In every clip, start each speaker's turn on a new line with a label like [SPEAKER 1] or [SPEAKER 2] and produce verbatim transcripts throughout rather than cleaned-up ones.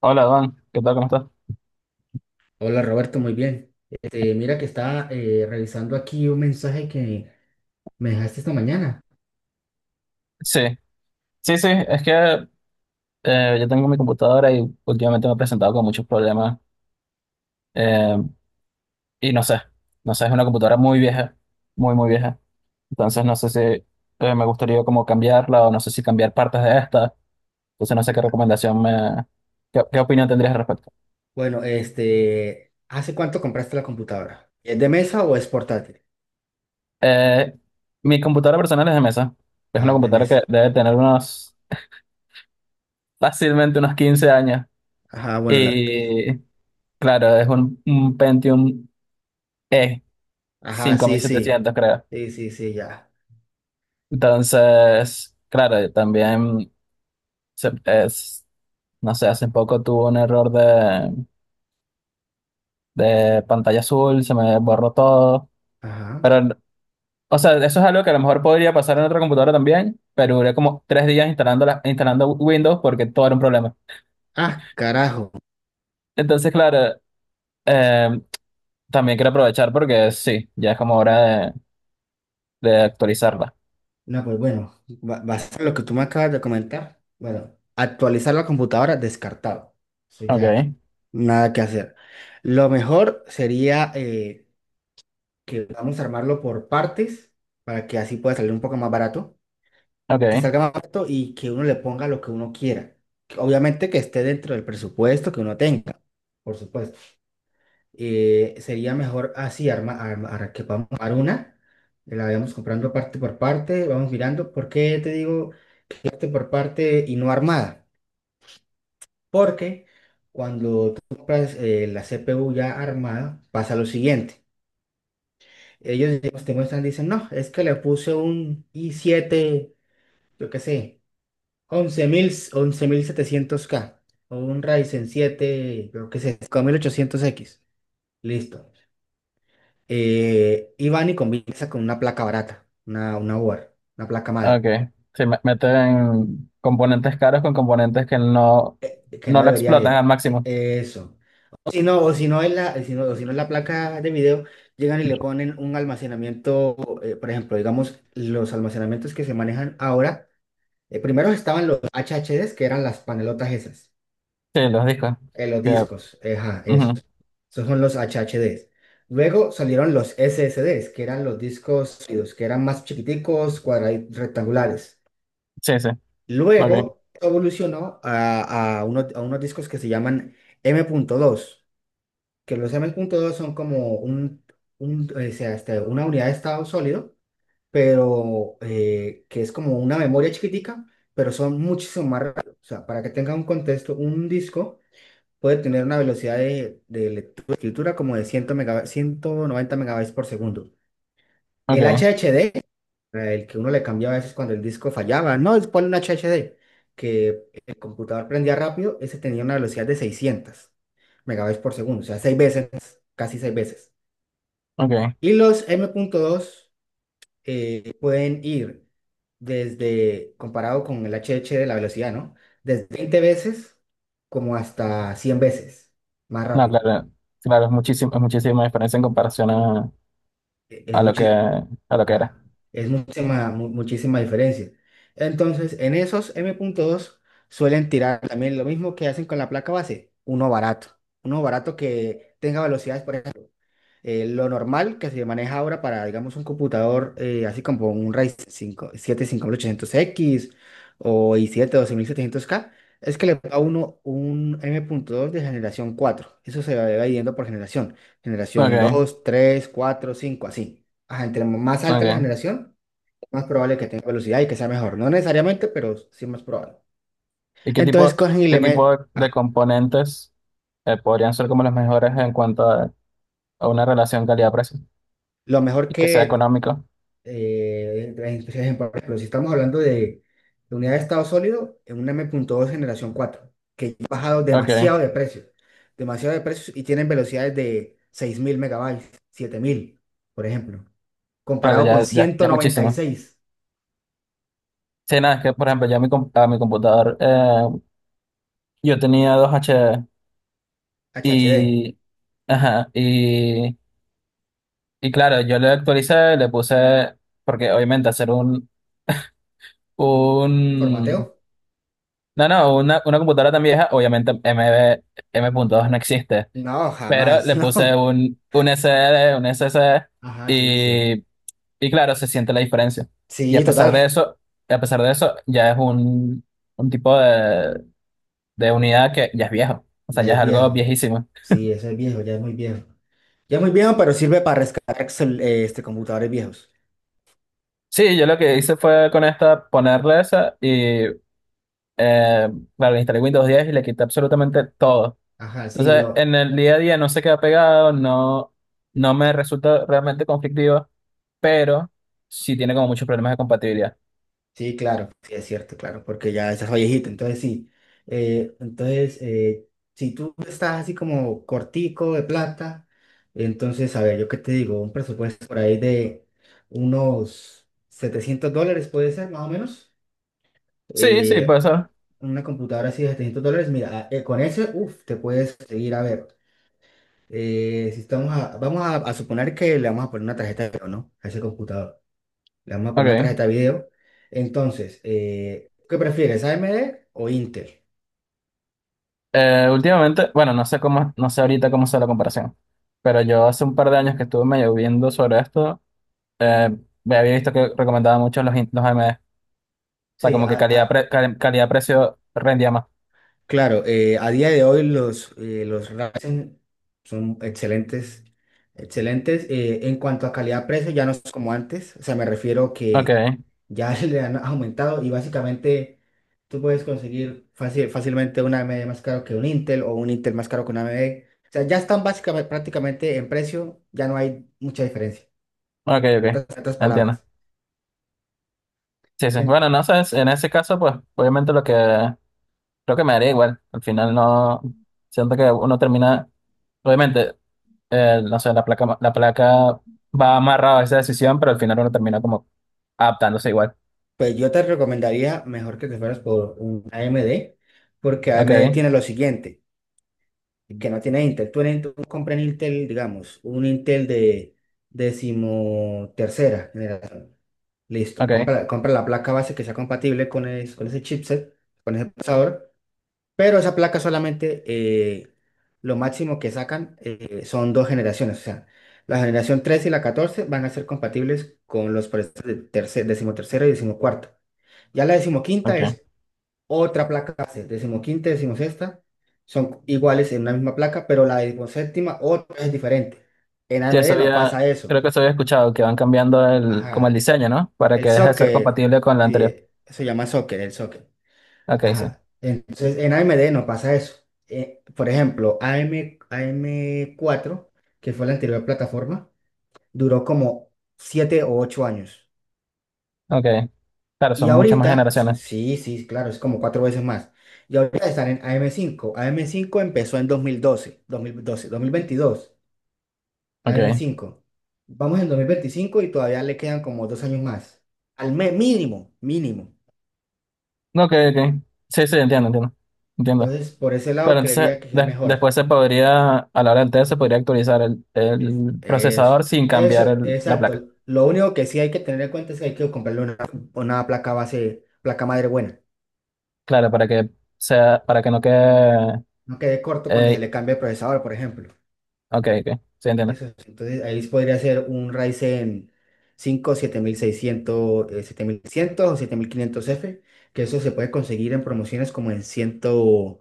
[SPEAKER 1] Hola, Juan. ¿Qué tal? ¿Cómo estás?
[SPEAKER 2] Hola Roberto, muy bien. Este, mira que estaba eh, revisando aquí un mensaje que me dejaste esta mañana.
[SPEAKER 1] Sí, sí, sí. Es que eh, yo tengo mi computadora y últimamente me he presentado con muchos problemas. eh, y no sé, no sé, es una computadora muy vieja, muy, muy vieja. Entonces no sé si eh, me gustaría como cambiarla o no sé si cambiar partes de esta. Entonces no sé qué recomendación me... ¿Qué, qué opinión tendrías al respecto?
[SPEAKER 2] Bueno, este, ¿hace cuánto compraste la computadora? ¿Es de mesa o es portátil?
[SPEAKER 1] Eh, Mi computadora personal es de mesa. Es una
[SPEAKER 2] Ajá, de
[SPEAKER 1] computadora
[SPEAKER 2] mesa.
[SPEAKER 1] que debe tener unos, fácilmente unos quince años.
[SPEAKER 2] Ajá, bueno, la...
[SPEAKER 1] Y claro, es un, un Pentium E
[SPEAKER 2] Ajá,
[SPEAKER 1] cinco mil
[SPEAKER 2] sí, sí.
[SPEAKER 1] setecientos creo.
[SPEAKER 2] Sí, sí, sí, ya.
[SPEAKER 1] Entonces, claro, también se- es, no sé, hace poco tuve un error de, de pantalla azul, se me borró todo.
[SPEAKER 2] Ajá.
[SPEAKER 1] Pero, o sea, eso es algo que a lo mejor podría pasar en otra computadora también, pero duré como tres días instalando, la- instalando Windows porque todo era un problema.
[SPEAKER 2] Ah, carajo.
[SPEAKER 1] Entonces, claro, eh, también quiero aprovechar porque sí, ya es como hora de, de actualizarla.
[SPEAKER 2] No, pues bueno, ba- basado en lo que tú me acabas de comentar, bueno, actualizar la computadora descartado. Eso
[SPEAKER 1] Ok,
[SPEAKER 2] ya, nada que hacer. Lo mejor sería eh, que vamos a armarlo por partes para que así pueda salir un poco más barato, que
[SPEAKER 1] ok.
[SPEAKER 2] salga más barato y que uno le ponga lo que uno quiera. Que obviamente que esté dentro del presupuesto que uno tenga, por supuesto. Eh, sería mejor así, arma, arma- arma- que vamos a armar una, la vayamos comprando parte por parte, vamos mirando. ¿Por qué te digo parte por parte y no armada? Porque cuando tú compras eh, la C P U ya armada, pasa lo siguiente. Ellos, los tecnologistas dicen, no, es que le puse un i siete, yo qué sé, once once mil once mil setecientos k o un Ryzen siete, yo qué sé, cinco mil ochocientos x. Listo. Eh, y van y combinan con una placa barata, una, una board, una placa
[SPEAKER 1] Ah,
[SPEAKER 2] madre,
[SPEAKER 1] okay. Sí, me- meten componentes caros con componentes que no,
[SPEAKER 2] que no
[SPEAKER 1] no lo
[SPEAKER 2] deberían
[SPEAKER 1] explotan al
[SPEAKER 2] ir. E-
[SPEAKER 1] máximo.
[SPEAKER 2] Eso. O si no, o si no es la, si no, o si no es la placa de video, llegan y le ponen un almacenamiento, eh, por ejemplo, digamos, los almacenamientos que se manejan ahora. Eh, primero estaban los H H Des, que eran las panelotas esas,
[SPEAKER 1] Sí, los discos.
[SPEAKER 2] eh, los
[SPEAKER 1] Que,
[SPEAKER 2] discos, eh, ajá, eso.
[SPEAKER 1] ujú.
[SPEAKER 2] Esos son los H H Des. Luego salieron los S S Des, que eran los discos sólidos, que eran más chiquiticos, cuadraditos, rectangulares.
[SPEAKER 1] Sí, sí. Ok,
[SPEAKER 2] Luego evolucionó a, a unos, a unos discos que se llaman M punto dos, que los M punto dos son como un, un, o sea, este, una unidad de estado sólido, pero eh, que es como una memoria chiquitica, pero son muchísimo más rápidos. O sea, para que tenga un contexto, un disco puede tener una velocidad de, de lectura, escritura como de cien mega- ciento noventa megabytes por segundo. El
[SPEAKER 1] ok,
[SPEAKER 2] H H D, eh, el que uno le cambiaba a veces cuando el disco fallaba, no, es ponle un H H D, que el computador prendía rápido, ese tenía una velocidad de seiscientos megabytes por segundo, o sea, seis veces, casi seis veces.
[SPEAKER 1] ok.
[SPEAKER 2] Y los M.dos eh, pueden ir desde, comparado con el H H de la velocidad, ¿no? Desde veinte veces como hasta cien veces más
[SPEAKER 1] No,
[SPEAKER 2] rápido.
[SPEAKER 1] claro, claro, es muchísimo, es muchísima diferencia en comparación a,
[SPEAKER 2] Eh, eh,
[SPEAKER 1] a lo que,
[SPEAKER 2] muchi-
[SPEAKER 1] a lo que era.
[SPEAKER 2] Ah, es muchísima, mu- muchísima diferencia. Entonces, en esos m punto dos suelen tirar también lo mismo que hacen con la placa base, uno barato, uno barato que tenga velocidades, por ejemplo, eh, lo normal que se maneja ahora para, digamos, un computador eh, así como un Ryzen cinco, ochocientos x, o i siete doce mil setecientos k, es que le da a uno un m punto dos de generación cuatro. Eso se va dividiendo por generación. Generación
[SPEAKER 1] Ok,
[SPEAKER 2] dos, tres, cuatro, cinco, así. Ajá, entre más alta la
[SPEAKER 1] ok.
[SPEAKER 2] generación, más probable que tenga velocidad y que sea mejor. No necesariamente, pero sí más probable.
[SPEAKER 1] ¿Y qué
[SPEAKER 2] Entonces
[SPEAKER 1] tipo,
[SPEAKER 2] cogen y le
[SPEAKER 1] qué tipo
[SPEAKER 2] meten
[SPEAKER 1] de, de componentes eh, podrían ser como los mejores en cuanto a, a una relación calidad-precio?
[SPEAKER 2] lo mejor
[SPEAKER 1] Y que sea
[SPEAKER 2] que
[SPEAKER 1] económico.
[SPEAKER 2] eh, eh, por ejemplo, si estamos hablando de, de unidad de estado sólido, en un m punto dos generación cuatro que ya ha bajado
[SPEAKER 1] Ok,
[SPEAKER 2] demasiado de precio, demasiado de precios, y tienen velocidades de seis mil megabytes, siete mil, por ejemplo,
[SPEAKER 1] claro,
[SPEAKER 2] comparado con
[SPEAKER 1] ya, ya, ya es muchísimo.
[SPEAKER 2] ciento noventa y seis
[SPEAKER 1] Sí, nada, es que por ejemplo, ya mi, com- a mi computador, eh, yo tenía dos H D
[SPEAKER 2] H H D.
[SPEAKER 1] y, ajá, y, y claro, yo le actualicé, le puse, porque obviamente hacer un,
[SPEAKER 2] ¿Formateo?
[SPEAKER 1] un, no, no, una, una computadora tan vieja, obviamente m M.dos no existe,
[SPEAKER 2] No,
[SPEAKER 1] pero
[SPEAKER 2] jamás,
[SPEAKER 1] le puse
[SPEAKER 2] no.
[SPEAKER 1] un, un s S d un s SSD
[SPEAKER 2] Ajá, sí, sí.
[SPEAKER 1] y, y claro, se siente la diferencia. Y a
[SPEAKER 2] Sí,
[SPEAKER 1] pesar de
[SPEAKER 2] total.
[SPEAKER 1] eso, a pesar de eso, ya es un, un tipo de de unidad que ya es viejo, o sea,
[SPEAKER 2] Ya
[SPEAKER 1] ya es
[SPEAKER 2] es
[SPEAKER 1] algo
[SPEAKER 2] viejo.
[SPEAKER 1] viejísimo.
[SPEAKER 2] Sí, eso es viejo, ya es muy viejo. Ya es muy viejo, pero sirve para rescatar excel- eh, este, computadores viejos.
[SPEAKER 1] Sí, yo lo que hice fue con esta ponerle esa y, eh, claro, instalé Windows diez y le quité absolutamente todo.
[SPEAKER 2] Ajá, sí,
[SPEAKER 1] Entonces,
[SPEAKER 2] lo,
[SPEAKER 1] en el día a día no se queda pegado, no, no me resulta realmente conflictivo, pero sí tiene como muchos problemas de compatibilidad.
[SPEAKER 2] sí, claro, sí, es cierto, claro, porque ya estás viejito, entonces sí. Eh, entonces, eh, si tú estás así como cortico de plata, entonces, a ver, yo qué te digo, un presupuesto por ahí de unos setecientos dólares puede ser, más o menos.
[SPEAKER 1] Sí, sí,
[SPEAKER 2] Eh,
[SPEAKER 1] puede ser.
[SPEAKER 2] una computadora así de setecientos dólares, mira, eh, con ese, uff, te puedes seguir, a ver. Eh, si estamos a- vamos a, a suponer que le vamos a poner una tarjeta de video, ¿no? A ese computador. Le vamos a poner una
[SPEAKER 1] Ok.
[SPEAKER 2] tarjeta de video. Entonces, eh, ¿qué prefieres, A M D o Intel?
[SPEAKER 1] Eh, últimamente, bueno, no sé cómo, no sé ahorita cómo sea la comparación, pero yo hace un par de años que estuve medio viendo sobre esto, eh, me había visto que recomendaba mucho los, in- los A M D. O sea,
[SPEAKER 2] Sí,
[SPEAKER 1] como
[SPEAKER 2] a-
[SPEAKER 1] que calidad,
[SPEAKER 2] a-
[SPEAKER 1] pre- cal- calidad-precio rendía más.
[SPEAKER 2] claro, eh, a día de hoy los, eh, los Ryzen son excelentes, excelentes. Eh, en cuanto a calidad-precio, ya no es como antes, o sea, me refiero
[SPEAKER 1] Ok,
[SPEAKER 2] que ya le han aumentado y básicamente tú puedes conseguir fácil- fácilmente una A M D más caro que un Intel, o un Intel más caro que una A M D. O sea, ya están básicamente prácticamente en precio, ya no hay mucha diferencia.
[SPEAKER 1] ok,
[SPEAKER 2] En
[SPEAKER 1] ok.
[SPEAKER 2] otras en otras
[SPEAKER 1] Entiendo.
[SPEAKER 2] palabras,
[SPEAKER 1] Sí, sí.
[SPEAKER 2] En-
[SPEAKER 1] Bueno, no sé, en ese caso, pues, obviamente lo que creo que me daría igual. Al final no, siento que uno termina, obviamente, eh, no sé, la placa, la placa va amarrada a esa decisión, pero al final uno termina como adaptándose igual.
[SPEAKER 2] pues yo te recomendaría mejor que te fueras por un A M D, porque A M D
[SPEAKER 1] Ok,
[SPEAKER 2] tiene lo siguiente que no tiene Intel. Tú, en Intel- tú compras en Intel, digamos, un Intel de decimotercera generación. Listo,
[SPEAKER 1] ok,
[SPEAKER 2] compra, compra la placa base que sea compatible con, es- con ese chipset, con ese procesador, pero esa placa solamente eh, lo máximo que sacan eh, son dos generaciones, o sea, la generación tres y la catorce van a ser compatibles con los procesadores de terce- decimotercera y decimocuarta. Ya la decimoquinta
[SPEAKER 1] ok.
[SPEAKER 2] es otra placa base, decimoquinta y decimosexta son iguales en una misma placa, pero la decimoséptima otra es diferente. En
[SPEAKER 1] Sí, eso
[SPEAKER 2] A M D no
[SPEAKER 1] había,
[SPEAKER 2] pasa eso.
[SPEAKER 1] creo que eso había escuchado, que van cambiando el, como el
[SPEAKER 2] Ajá.
[SPEAKER 1] diseño, ¿no? Para que
[SPEAKER 2] El
[SPEAKER 1] deje de ser
[SPEAKER 2] socket,
[SPEAKER 1] compatible con la
[SPEAKER 2] sí,
[SPEAKER 1] anterior.
[SPEAKER 2] se llama socket, el socket.
[SPEAKER 1] Ok, sí.
[SPEAKER 2] Ajá. Entonces, en A M D no pasa eso. Eh, por ejemplo, A M, am cuatro, que fue la anterior plataforma, duró como siete o ocho años.
[SPEAKER 1] Ok. Claro,
[SPEAKER 2] Y
[SPEAKER 1] son muchas más
[SPEAKER 2] ahorita, s-
[SPEAKER 1] generaciones.
[SPEAKER 2] sí, sí, claro, es como cuatro veces más. Y ahorita están en A M cinco. A M cinco empezó en 2012, 2012, dos mil veintidós,
[SPEAKER 1] Ok.
[SPEAKER 2] A M cinco. Vamos en dos mil veinticinco y todavía le quedan como dos años más. Al mes, mínimo, mínimo.
[SPEAKER 1] No, ok, ok. Sí, sí, entiendo, entiendo. Entiendo.
[SPEAKER 2] Entonces, por ese lado,
[SPEAKER 1] Claro,
[SPEAKER 2] creería
[SPEAKER 1] entonces
[SPEAKER 2] que es
[SPEAKER 1] de-
[SPEAKER 2] mejor.
[SPEAKER 1] después se podría, a la hora del test, se podría actualizar el, el
[SPEAKER 2] Eso,
[SPEAKER 1] procesador sin cambiar
[SPEAKER 2] eso,
[SPEAKER 1] el- la placa.
[SPEAKER 2] exacto. Lo único que sí hay que tener en cuenta es que hay que comprarle una, una placa base, placa madre buena.
[SPEAKER 1] Claro, para que sea, para que no quede.
[SPEAKER 2] No quede corto cuando se le
[SPEAKER 1] eh,
[SPEAKER 2] cambie el procesador, por ejemplo.
[SPEAKER 1] ok, ok. Sí, entiendo.
[SPEAKER 2] Eso es. Entonces ahí podría ser un Ryzen cinco siete mil seiscientos, eh, siete mil cien o siete mil quinientos f, que eso se puede conseguir en promociones como en ciento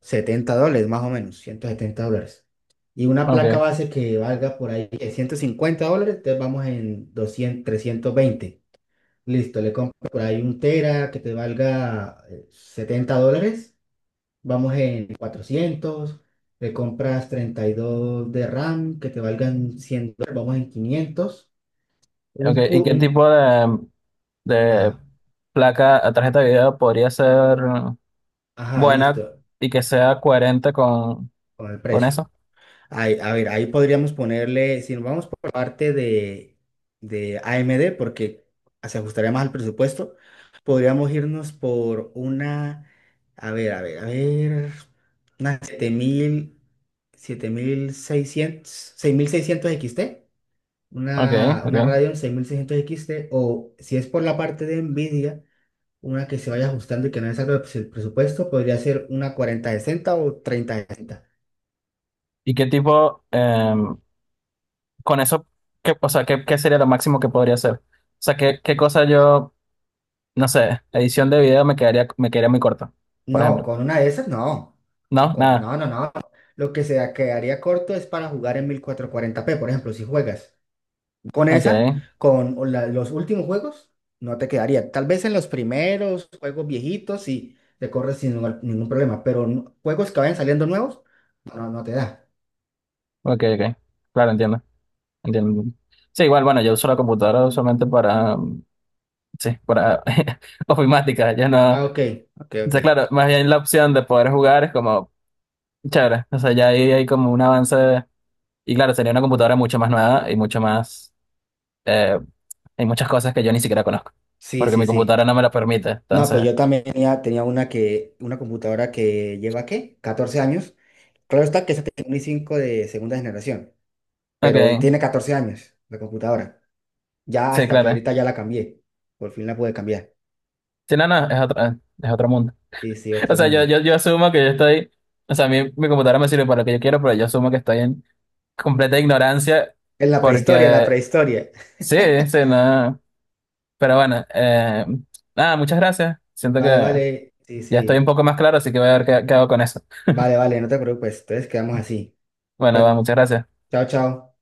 [SPEAKER 2] setenta dólares, más o menos, ciento setenta dólares. Y una
[SPEAKER 1] Ok,
[SPEAKER 2] placa base que valga por ahí eh, ciento cincuenta dólares, entonces vamos en doscientos, trescientos veinte. Listo, le compro por ahí un tera que te valga eh, setenta dólares. Vamos en cuatrocientos, le compras treinta y dos de RAM que te valgan cien dólares, vamos en quinientos.
[SPEAKER 1] ok.
[SPEAKER 2] Un, cu-
[SPEAKER 1] ¿Y qué
[SPEAKER 2] un,
[SPEAKER 1] tipo de, de
[SPEAKER 2] ajá,
[SPEAKER 1] placa a tarjeta de video podría ser
[SPEAKER 2] ajá,
[SPEAKER 1] buena
[SPEAKER 2] listo,
[SPEAKER 1] y que sea coherente con,
[SPEAKER 2] con el
[SPEAKER 1] con
[SPEAKER 2] precio.
[SPEAKER 1] eso?
[SPEAKER 2] Ahí- a ver, ahí podríamos ponerle, si nos vamos por la parte de, de A M D, porque se ajustaría más al presupuesto, podríamos irnos por una, a ver, a ver, a ver, una siete mil, siete mil seiscientos, seis mil seiscientos X T.
[SPEAKER 1] Ok,
[SPEAKER 2] una, una
[SPEAKER 1] ok.
[SPEAKER 2] Radeon seis mil seiscientos X T, o si es por la parte de Nvidia, una que se vaya ajustando y que no es algo del presupuesto, podría ser una cuarenta sesenta o treinta sesenta.
[SPEAKER 1] ¿Y qué tipo? Em, con eso, ¿qué, o sea, ¿qué, qué sería lo máximo que podría hacer? O sea, ¿qué, qué cosa yo, no sé, edición de video me quedaría, me quedaría muy corta, por
[SPEAKER 2] No,
[SPEAKER 1] ejemplo.
[SPEAKER 2] con una de esas no. No,
[SPEAKER 1] No,
[SPEAKER 2] con-
[SPEAKER 1] nada.
[SPEAKER 2] no, no. No. Lo que se quedaría corto es para jugar en mil cuatrocientos cuarenta p, por ejemplo, si juegas con
[SPEAKER 1] Ok,
[SPEAKER 2] esa, con la- los últimos juegos, no te quedaría. Tal vez en los primeros juegos viejitos sí te corres sin ningún ningún problema, pero no- juegos que vayan saliendo nuevos, no, no te da.
[SPEAKER 1] ok, ok. Claro, entiendo, entiendo. Sí, igual, bueno, yo uso la computadora usualmente para, mm, sí, para ofimática, ya no.
[SPEAKER 2] Ah, ok,
[SPEAKER 1] O
[SPEAKER 2] ok, ok.
[SPEAKER 1] sea, claro, más bien la opción de poder jugar es como chévere. O sea, ya ahí hay como un avance. Y claro, sería una computadora mucho más nueva y mucho más, eh, hay muchas cosas que yo ni siquiera conozco
[SPEAKER 2] Sí,
[SPEAKER 1] porque
[SPEAKER 2] sí,
[SPEAKER 1] mi
[SPEAKER 2] sí.
[SPEAKER 1] computadora no me lo permite.
[SPEAKER 2] No, pues
[SPEAKER 1] Entonces,
[SPEAKER 2] yo también tenía, tenía una que, una computadora que lleva, ¿qué?, catorce años. Claro está que esa tiene un i cinco de segunda generación, pero
[SPEAKER 1] ok,
[SPEAKER 2] tiene catorce años la computadora. Ya
[SPEAKER 1] sí,
[SPEAKER 2] hasta que
[SPEAKER 1] claro.
[SPEAKER 2] ahorita ya la cambié. Por fin la pude cambiar.
[SPEAKER 1] Sí, no, no, es otro, eh, es otro mundo.
[SPEAKER 2] Sí, sí,
[SPEAKER 1] O
[SPEAKER 2] otro
[SPEAKER 1] sea, yo,
[SPEAKER 2] mundo.
[SPEAKER 1] yo, yo asumo que yo estoy, o sea, mi, mi computadora me sirve para lo que yo quiero, pero yo asumo que estoy en completa ignorancia
[SPEAKER 2] En la prehistoria, en la
[SPEAKER 1] porque
[SPEAKER 2] prehistoria.
[SPEAKER 1] sí, sí, no. Pero bueno, eh, nada, muchas gracias. Siento que
[SPEAKER 2] Vale,
[SPEAKER 1] ya
[SPEAKER 2] vale. Sí,
[SPEAKER 1] estoy un
[SPEAKER 2] sí.
[SPEAKER 1] poco más claro, así que voy a ver qué, qué hago con eso.
[SPEAKER 2] Vale, vale, no te preocupes. Entonces quedamos así.
[SPEAKER 1] Bueno, va,
[SPEAKER 2] Cuídate.
[SPEAKER 1] muchas gracias.
[SPEAKER 2] Chao, chao.